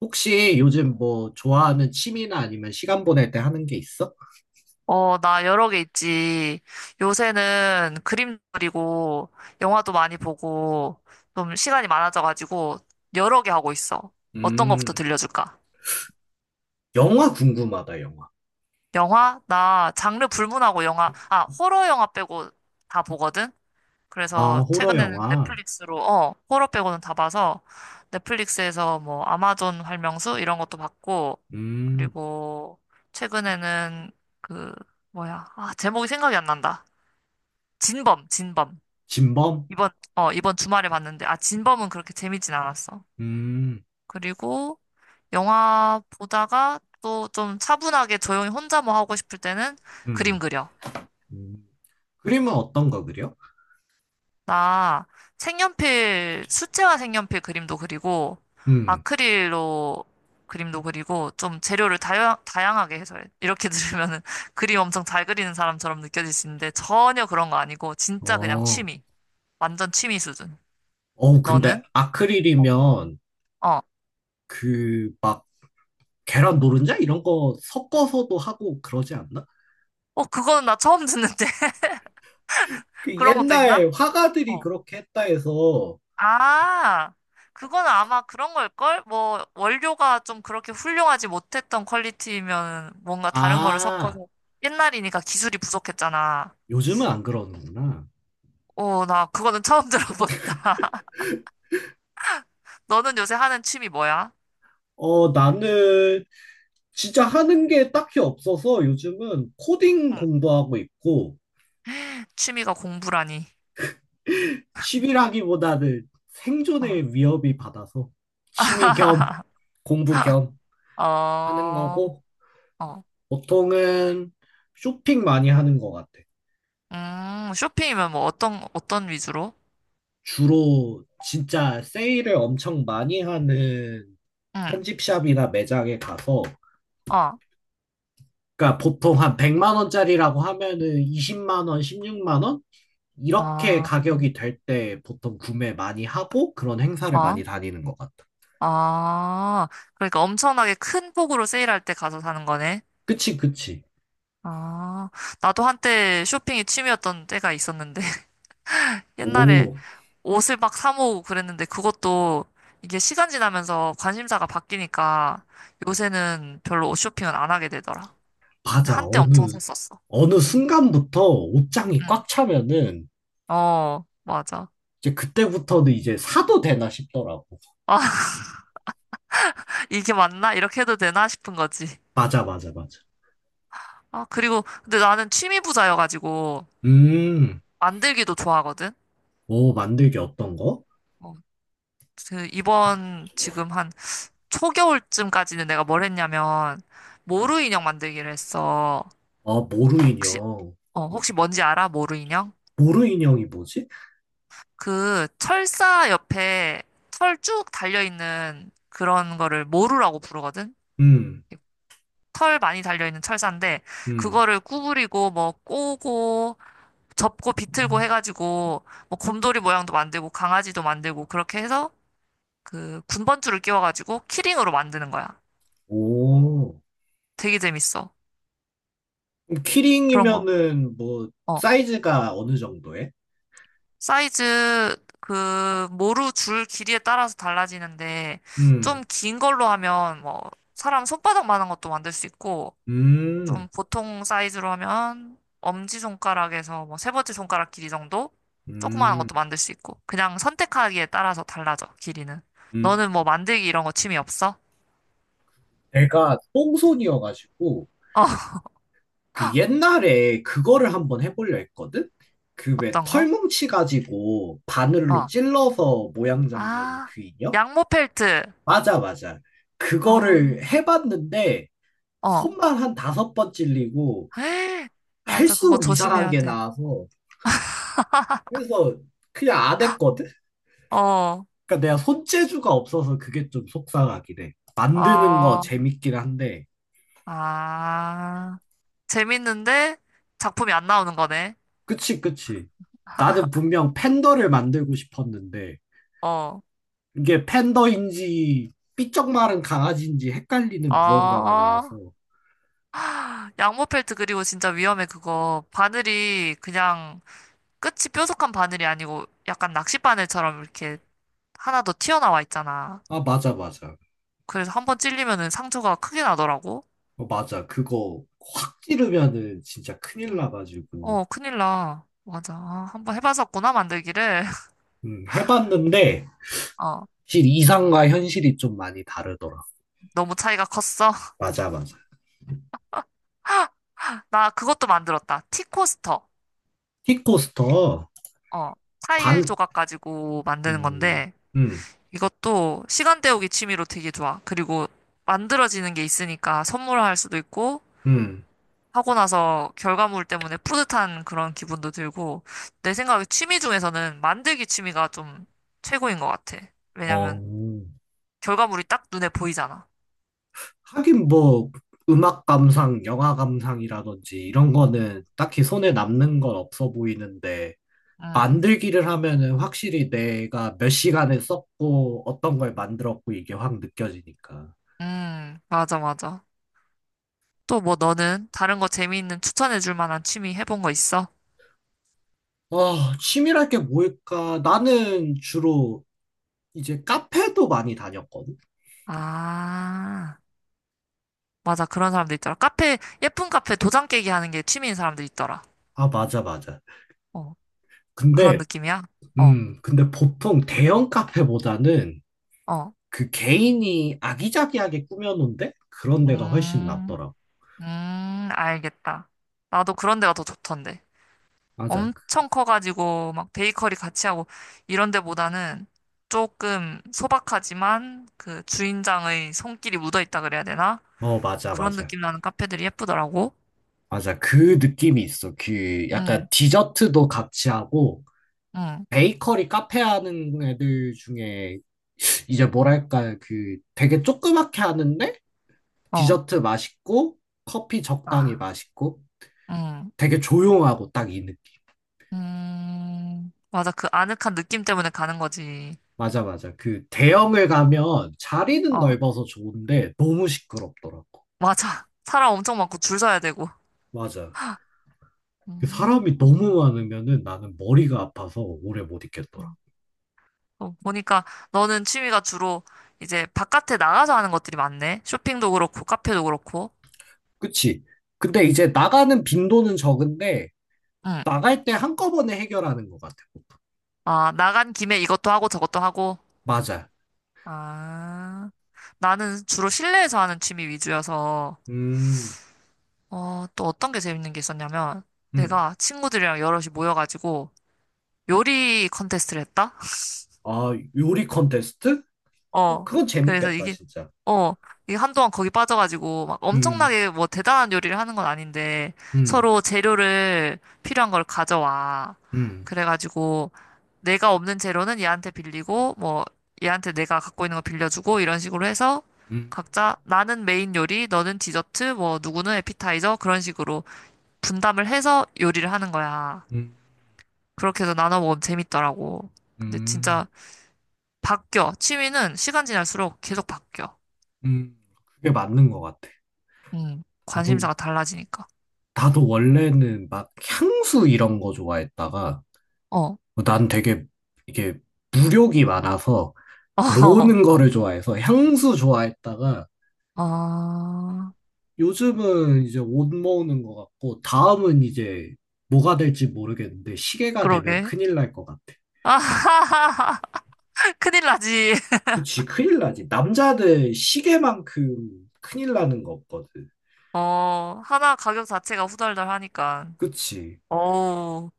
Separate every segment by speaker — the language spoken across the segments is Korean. Speaker 1: 혹시 요즘 뭐 좋아하는 취미나 아니면 시간 보낼 때 하는 게 있어?
Speaker 2: 어, 나 여러 개 있지. 요새는 그림 그리고 영화도 많이 보고 좀 시간이 많아져가지고 여러 개 하고 있어. 어떤 거부터
Speaker 1: 음,
Speaker 2: 들려줄까?
Speaker 1: 영화 궁금하다, 영화.
Speaker 2: 영화? 나 장르 불문하고 영화, 아, 호러 영화 빼고 다 보거든?
Speaker 1: 아,
Speaker 2: 그래서
Speaker 1: 호러
Speaker 2: 최근에는
Speaker 1: 영화.
Speaker 2: 넷플릭스로, 어, 호러 빼고는 다 봐서 넷플릭스에서 뭐 아마존 활명수 이런 것도 봤고,
Speaker 1: 음,
Speaker 2: 그리고 최근에는 그, 뭐야, 아, 제목이 생각이 안 난다. 진범, 진범.
Speaker 1: 진범?
Speaker 2: 이번, 어, 이번 주말에 봤는데, 아, 진범은 그렇게 재밌진 않았어.
Speaker 1: 음,
Speaker 2: 그리고 영화 보다가 또 좀 차분하게 조용히 혼자 뭐 하고 싶을 때는 그림
Speaker 1: 음,
Speaker 2: 그려.
Speaker 1: 음. 그림은 어떤 거 그려?
Speaker 2: 나 색연필, 수채화 색연필 그림도 그리고,
Speaker 1: 음,
Speaker 2: 아크릴로 그림도 그리고, 좀 재료를 다양하게 해서 해. 이렇게 들으면은 그림 엄청 잘 그리는 사람처럼 느껴질 수 있는데, 전혀 그런 거 아니고, 진짜 그냥
Speaker 1: 어,
Speaker 2: 취미. 완전 취미 수준.
Speaker 1: 어, 근데
Speaker 2: 너는? 어,
Speaker 1: 아크릴이면
Speaker 2: 어,
Speaker 1: 그 막 계란 노른자 이런 거 섞어서도 하고 그러지 않나?
Speaker 2: 어, 그거는 나 처음 듣는데.
Speaker 1: 그
Speaker 2: 그런 것도 있나?
Speaker 1: 옛날 화가들이
Speaker 2: 어.
Speaker 1: 그렇게 했다 해서,
Speaker 2: 아, 그거는 아마 그런 걸걸? 뭐, 원료가 좀 그렇게 훌륭하지 못했던 퀄리티면 뭔가 다른 거를
Speaker 1: 아,
Speaker 2: 섞어서 옛날이니까 기술이 부족했잖아.
Speaker 1: 요즘은 안 그러는구나.
Speaker 2: 오, 나 그거는 처음 들어본다. 너는 요새 하는 취미 뭐야?
Speaker 1: 어, 나는 진짜 하는 게 딱히 없어서 요즘은 코딩
Speaker 2: 응.
Speaker 1: 공부하고 있고
Speaker 2: 취미가 공부라니.
Speaker 1: 취미라기보다는
Speaker 2: 어,
Speaker 1: 생존의 위협이 받아서 취미 겸 공부 겸 하는
Speaker 2: 어,
Speaker 1: 거고
Speaker 2: 어.
Speaker 1: 보통은 쇼핑 많이 하는 것 같아.
Speaker 2: 쇼핑이면 뭐 어떤 위주로?
Speaker 1: 주로 진짜 세일을 엄청 많이 하는
Speaker 2: 응,
Speaker 1: 편집샵이나 매장에 가서
Speaker 2: 어,
Speaker 1: 그러니까 보통 한 100만 원짜리라고 하면은 20만 원, 16만 원 이렇게
Speaker 2: 어,
Speaker 1: 가격이 될 때 보통 구매 많이 하고 그런 행사를
Speaker 2: 어.
Speaker 1: 많이 다니는 것 같아.
Speaker 2: 아, 그러니까 엄청나게 큰 폭으로 세일할 때 가서 사는 거네.
Speaker 1: 그치, 그치.
Speaker 2: 아, 나도 한때 쇼핑이 취미였던 때가 있었는데, 옛날에
Speaker 1: 오,
Speaker 2: 옷을 막 사 모으고 그랬는데, 그것도 이게 시간 지나면서 관심사가 바뀌니까 요새는 별로 옷 쇼핑은 안 하게 되더라. 근데
Speaker 1: 맞아.
Speaker 2: 한때 엄청
Speaker 1: 어느,
Speaker 2: 샀었어.
Speaker 1: 어느
Speaker 2: 응,
Speaker 1: 순간부터 옷장이
Speaker 2: 응.
Speaker 1: 꽉 차면은
Speaker 2: 어, 맞아.
Speaker 1: 이제 그때부터는 이제 사도 되나 싶더라고.
Speaker 2: 아, 이게 맞나? 이렇게 해도 되나 싶은 거지.
Speaker 1: 맞아, 맞아, 맞아.
Speaker 2: 아, 그리고, 근데 나는 취미 부자여가지고,
Speaker 1: 음,
Speaker 2: 만들기도 좋아하거든?
Speaker 1: 오, 만들기 어떤 거?
Speaker 2: 어, 그 이번 지금 한 초겨울쯤까지는 내가 뭘 했냐면 모루 인형 만들기를 했어.
Speaker 1: 아, 모루
Speaker 2: 혹시
Speaker 1: 인형.
Speaker 2: 어 혹시 뭔지 알아? 모루 인형?
Speaker 1: 모루 인형이 뭐지?
Speaker 2: 그 철사 옆에 털 쭉 달려 있는 그런 거를 모루라고 부르거든.
Speaker 1: 음,
Speaker 2: 털 많이 달려 있는 철사인데
Speaker 1: 음.
Speaker 2: 그거를 구부리고 뭐 꼬고 접고 비틀고 해가지고 뭐 곰돌이 모양도 만들고 강아지도 만들고 그렇게 해서 그 군번줄을 끼워가지고 키링으로 만드는 거야.
Speaker 1: 오,
Speaker 2: 되게 재밌어.
Speaker 1: 그럼
Speaker 2: 그런 거.
Speaker 1: 키링이면은 뭐
Speaker 2: 어,
Speaker 1: 사이즈가 어느 정도에?
Speaker 2: 사이즈 그 모루 줄 길이에 따라서 달라지는데 좀
Speaker 1: 음,
Speaker 2: 긴 걸로 하면 뭐 사람 손바닥만한 것도 만들 수 있고 좀
Speaker 1: 음,
Speaker 2: 보통 사이즈로 하면 엄지손가락에서 뭐 3번째 손가락 길이 정도 조그마한
Speaker 1: 음.
Speaker 2: 것도 만들 수 있고 그냥 선택하기에 따라서 달라져 길이는.
Speaker 1: 음.
Speaker 2: 너는 뭐 만들기 이런 거 취미 없어?
Speaker 1: 내가 똥손이어가지고
Speaker 2: 어
Speaker 1: 그 옛날에 그거를 한번 해보려 했거든? 그 왜
Speaker 2: 어떤 거?
Speaker 1: 털뭉치 가지고 바늘로
Speaker 2: 어.
Speaker 1: 찔러서 모양 잡는
Speaker 2: 아
Speaker 1: 그 인형?
Speaker 2: 양모 펠트.
Speaker 1: 맞아, 맞아.
Speaker 2: 어,
Speaker 1: 그거를 해봤는데
Speaker 2: 어.
Speaker 1: 손만 한 다섯 번 찔리고
Speaker 2: 에이, 맞아 그거
Speaker 1: 할수록
Speaker 2: 조심해야
Speaker 1: 이상하게
Speaker 2: 돼.
Speaker 1: 나와서 그래서 그냥 안 했거든?
Speaker 2: 어.
Speaker 1: 그러니까 내가 손재주가 없어서 그게 좀 속상하긴 해. 만드는 거
Speaker 2: 아,
Speaker 1: 재밌긴 한데
Speaker 2: 아, 재밌는데 작품이 안 나오는 거네.
Speaker 1: 그치, 그치. 나는 분명 팬더를 만들고 싶었는데,
Speaker 2: 어,
Speaker 1: 이게 팬더인지 삐쩍 마른 강아지인지
Speaker 2: 어,
Speaker 1: 헷갈리는 무언가가
Speaker 2: 어.
Speaker 1: 나와서,
Speaker 2: 양모펠트 그리고 진짜 위험해 그거. 바늘이 그냥 끝이 뾰족한 바늘이 아니고 약간 낚싯바늘처럼 이렇게 하나 더 튀어나와 있잖아.
Speaker 1: 아, 맞아, 맞아.
Speaker 2: 그래서 한 번 찔리면은 상처가 크게 나더라고.
Speaker 1: 어, 맞아. 그거 확 찌르면은 진짜 큰일
Speaker 2: 응.
Speaker 1: 나가지고,
Speaker 2: 어, 큰일 나. 맞아. 아, 한번 해봤었구나 만들기를.
Speaker 1: 해봤는데,
Speaker 2: 어,
Speaker 1: 실 이상과 현실이 좀 많이 다르더라.
Speaker 2: 너무 차이가 컸어.
Speaker 1: 맞아, 맞아.
Speaker 2: 나 그것도 만들었다. 티코스터.
Speaker 1: 킥코스터,
Speaker 2: 어, 타일
Speaker 1: 반,
Speaker 2: 조각 가지고 만드는
Speaker 1: 음,
Speaker 2: 건데.
Speaker 1: 음,
Speaker 2: 이것도 시간 때우기 취미로 되게 좋아. 그리고 만들어지는 게 있으니까 선물할 수도 있고,
Speaker 1: 음,
Speaker 2: 하고 나서 결과물 때문에 뿌듯한 그런 기분도 들고, 내 생각에 취미 중에서는 만들기 취미가 좀 최고인 것 같아.
Speaker 1: 어.
Speaker 2: 왜냐면 결과물이 딱 눈에 보이잖아.
Speaker 1: 하긴 뭐 음악 감상, 영화 감상이라든지 이런 거는 딱히 손에
Speaker 2: 응,
Speaker 1: 남는 건 없어 보이는데
Speaker 2: 응,
Speaker 1: 만들기를 하면은 확실히 내가 몇 시간을 썼고 어떤 걸 만들었고 이게 확 느껴지니까.
Speaker 2: 응, 맞아, 맞아. 또 뭐 너는 다른 거 재미있는 추천해줄 만한 취미 해본 거 있어?
Speaker 1: 아, 취미랄 게 뭘까? 나는 주로 이제 카페도 많이 다녔거든.
Speaker 2: 아, 맞아. 그런 사람들 있더라. 카페, 예쁜 카페 도장 깨기 하는 게 취미인 사람들 있더라.
Speaker 1: 아, 맞아, 맞아.
Speaker 2: 어. 그런
Speaker 1: 근데,
Speaker 2: 느낌이야? 어,
Speaker 1: 근데 보통 대형 카페보다는
Speaker 2: 어.
Speaker 1: 그 개인이 아기자기하게 꾸며놓은 데? 그런 데가 훨씬
Speaker 2: 음,
Speaker 1: 낫더라고.
Speaker 2: 알겠다. 나도 그런 데가 더 좋던데.
Speaker 1: 맞아.
Speaker 2: 엄청 커가지고, 막 베이커리 같이 하고, 이런 데보다는 조금 소박하지만, 그 주인장의 손길이 묻어있다 그래야 되나?
Speaker 1: 어, 맞아,
Speaker 2: 그런
Speaker 1: 맞아.
Speaker 2: 느낌 나는 카페들이 예쁘더라고.
Speaker 1: 맞아. 그 느낌이 있어. 그 약간
Speaker 2: 응,
Speaker 1: 디저트도 같이 하고,
Speaker 2: 응,
Speaker 1: 베이커리 카페 하는 애들 중에 이제 뭐랄까, 그 되게 조그맣게 하는데,
Speaker 2: 어,
Speaker 1: 디저트 맛있고, 커피 적당히
Speaker 2: 아,
Speaker 1: 맛있고,
Speaker 2: 응,
Speaker 1: 되게 조용하고 딱 이 느낌.
Speaker 2: 맞아. 그 아늑한 느낌 때문에 가는 거지.
Speaker 1: 맞아, 맞아. 그 대형을 가면 자리는
Speaker 2: 어,
Speaker 1: 넓어서 좋은데, 너무 시끄럽더라고.
Speaker 2: 맞아. 사람 엄청 많고 줄 서야 되고.
Speaker 1: 맞아. 그 사람이
Speaker 2: 음.
Speaker 1: 너무 많으면은 나는 머리가 아파서 오래 못
Speaker 2: 어.
Speaker 1: 있겠더라.
Speaker 2: 어, 보니까 너는 취미가 주로 이제 바깥에 나가서 하는 것들이 많네. 쇼핑도 그렇고, 카페도 그렇고.
Speaker 1: 그치. 근데 이제 나가는 빈도는 적은데,
Speaker 2: 응.
Speaker 1: 나갈 때 한꺼번에 해결하는 것 같아.
Speaker 2: 아, 나간 김에 이것도 하고 저것도 하고.
Speaker 1: 맞아.
Speaker 2: 아, 나는 주로 실내에서 하는 취미 위주여서,
Speaker 1: 음,
Speaker 2: 어, 또 어떤 게 재밌는 게 있었냐면,
Speaker 1: 음.
Speaker 2: 내가 친구들이랑 여럿이 모여가지고 요리 컨테스트를 했다?
Speaker 1: 아, 요리 컨테스트? 어,
Speaker 2: 어.
Speaker 1: 그건
Speaker 2: 그래서
Speaker 1: 재밌겠다,
Speaker 2: 이게,
Speaker 1: 진짜.
Speaker 2: 어, 이게 한동안 거기 빠져가지고, 막
Speaker 1: 음,
Speaker 2: 엄청나게 뭐 대단한 요리를 하는 건 아닌데,
Speaker 1: 음,
Speaker 2: 서로 재료를 필요한 걸 가져와.
Speaker 1: 음,
Speaker 2: 그래가지고, 내가 없는 재료는 얘한테 빌리고, 뭐, 얘한테 내가 갖고 있는 거 빌려주고, 이런 식으로 해서,
Speaker 1: 음,
Speaker 2: 각자, 나는 메인 요리, 너는 디저트, 뭐, 누구는 에피타이저, 그런 식으로 분담을 해서 요리를 하는 거야.
Speaker 1: 음,
Speaker 2: 그렇게 해서 나눠 먹으면 재밌더라고. 근데
Speaker 1: 음,
Speaker 2: 진짜 바뀌어. 취미는 시간 지날수록 계속 바뀌어.
Speaker 1: 음. 그게 맞는 것 같아. 나도,
Speaker 2: 관심사가 달라지니까.
Speaker 1: 나도 원래는 막 향수 이런 거 좋아했다가,
Speaker 2: 어,
Speaker 1: 어, 난 되게 이게 무력이 많아서 모으는 거를 좋아해서 향수 좋아했다가,
Speaker 2: 어, 아,
Speaker 1: 요즘은 이제 옷 모으는 것 같고, 다음은 이제 뭐가 될지 모르겠는데, 시계가 되면
Speaker 2: 그러게.
Speaker 1: 큰일 날 것 같아.
Speaker 2: 아 큰일 나지.
Speaker 1: 그치, 큰일 나지. 남자들 시계만큼 큰일 나는 거 없거든.
Speaker 2: 어, 하나 가격 자체가 후덜덜하니까.
Speaker 1: 그치.
Speaker 2: 어우,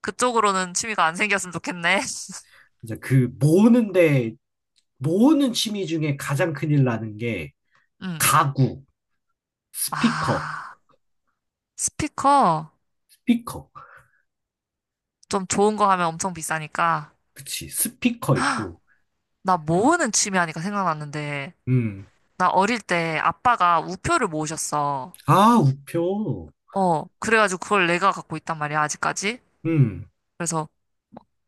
Speaker 2: 그쪽으로는 취미가 안 생겼으면 좋겠네.
Speaker 1: 이제 그 모으는데, 모으는 취미 중에 가장 큰일 나는 게
Speaker 2: 음,
Speaker 1: 가구, 스피커,
Speaker 2: 아, 스피커
Speaker 1: 스피커.
Speaker 2: 좀 좋은 거 하면 엄청 비싸니까.
Speaker 1: 그치, 스피커 있고,
Speaker 2: 나 모으는 취미 하니까 생각났는데,
Speaker 1: 음.
Speaker 2: 나 어릴 때 아빠가 우표를 모으셨어.
Speaker 1: 아, 우표.
Speaker 2: 어, 그래가지고 그걸 내가 갖고 있단 말이야, 아직까지.
Speaker 1: 음,
Speaker 2: 그래서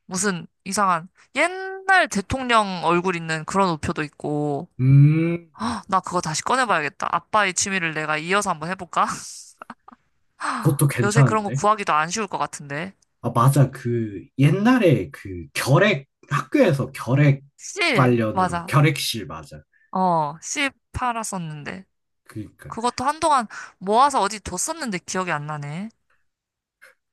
Speaker 2: 무슨 이상한 옛날 대통령 얼굴 있는 그런 우표도 있고
Speaker 1: 음,
Speaker 2: 나 그거 다시 꺼내봐야겠다. 아빠의 취미를 내가 이어서 한번 해볼까?
Speaker 1: 그것도
Speaker 2: 요새 그런 거
Speaker 1: 괜찮은데.
Speaker 2: 구하기도 안 쉬울 것 같은데.
Speaker 1: 아, 맞아. 그 옛날에 그 결핵 학교에서 결핵
Speaker 2: 실,
Speaker 1: 관련으로
Speaker 2: 맞아.
Speaker 1: 결핵실 맞아.
Speaker 2: 어, 실 팔았었는데.
Speaker 1: 그러니까
Speaker 2: 그것도 한동안 모아서 어디 뒀었는데 기억이 안 나네.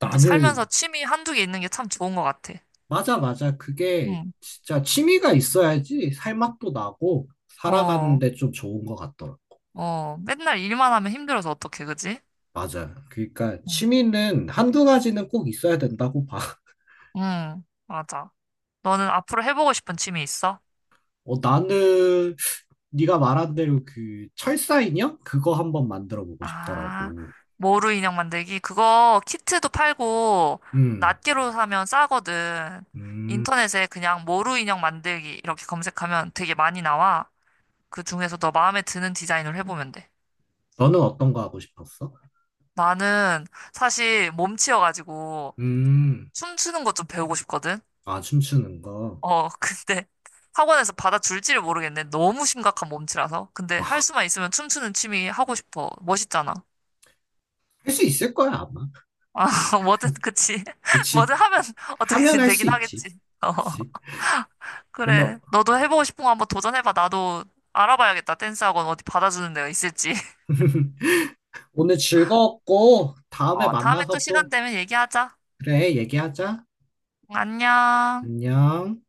Speaker 2: 근데 살면서 취미 한두 개 있는 게 참 좋은 것 같아.
Speaker 1: 맞아, 맞아. 그게
Speaker 2: 응,
Speaker 1: 진짜 취미가 있어야지 살맛도 나고
Speaker 2: 어,
Speaker 1: 살아가는데 좀 좋은 것 같더라고.
Speaker 2: 어. 맨날 일만 하면 힘들어서 어떡해, 그지?
Speaker 1: 맞아. 그러니까
Speaker 2: 응,
Speaker 1: 취미는 한두 가지는 꼭 있어야 된다고 봐.
Speaker 2: 응, 맞아. 너는 앞으로 해보고 싶은 취미 있어?
Speaker 1: 어, 나는 네가 말한 대로 그 철사 인형 그거 한번 만들어 보고
Speaker 2: 아,
Speaker 1: 싶더라고.
Speaker 2: 모루 인형 만들기. 그거 키트도 팔고,
Speaker 1: 음.
Speaker 2: 낱개로 사면 싸거든.
Speaker 1: 음.
Speaker 2: 인터넷에 그냥 모루 인형 만들기 이렇게 검색하면 되게 많이 나와. 그 중에서 너 마음에 드는 디자인을 해보면 돼.
Speaker 1: 너는 어떤 거 하고 싶었어?
Speaker 2: 나는 사실 몸치여가지고
Speaker 1: 음.
Speaker 2: 춤추는 것 좀 배우고 싶거든.
Speaker 1: 아, 춤추는 거.
Speaker 2: 어, 근데 학원에서 받아줄지를 모르겠네. 너무 심각한 몸치라서. 근데 할 수만 있으면 춤추는 취미 하고 싶어. 멋있잖아.
Speaker 1: 할 수 있을 거야, 아마.
Speaker 2: 아, 뭐든, 그치. 뭐든
Speaker 1: 그치.
Speaker 2: 하면
Speaker 1: 하면
Speaker 2: 어떻게든
Speaker 1: 할 수
Speaker 2: 되긴
Speaker 1: 있지.
Speaker 2: 하겠지. 어,
Speaker 1: 그치. 어머,
Speaker 2: 그래. 너도 해보고 싶은 거 한번 도전해봐. 나도 알아봐야겠다. 댄스 학원 어디 받아주는 데가 있을지.
Speaker 1: 오늘 즐거웠고, 다음에
Speaker 2: 어, 다음에 또
Speaker 1: 만나서
Speaker 2: 시간
Speaker 1: 또,
Speaker 2: 되면 얘기하자.
Speaker 1: 그래, 얘기하자.
Speaker 2: 안녕.
Speaker 1: 안녕.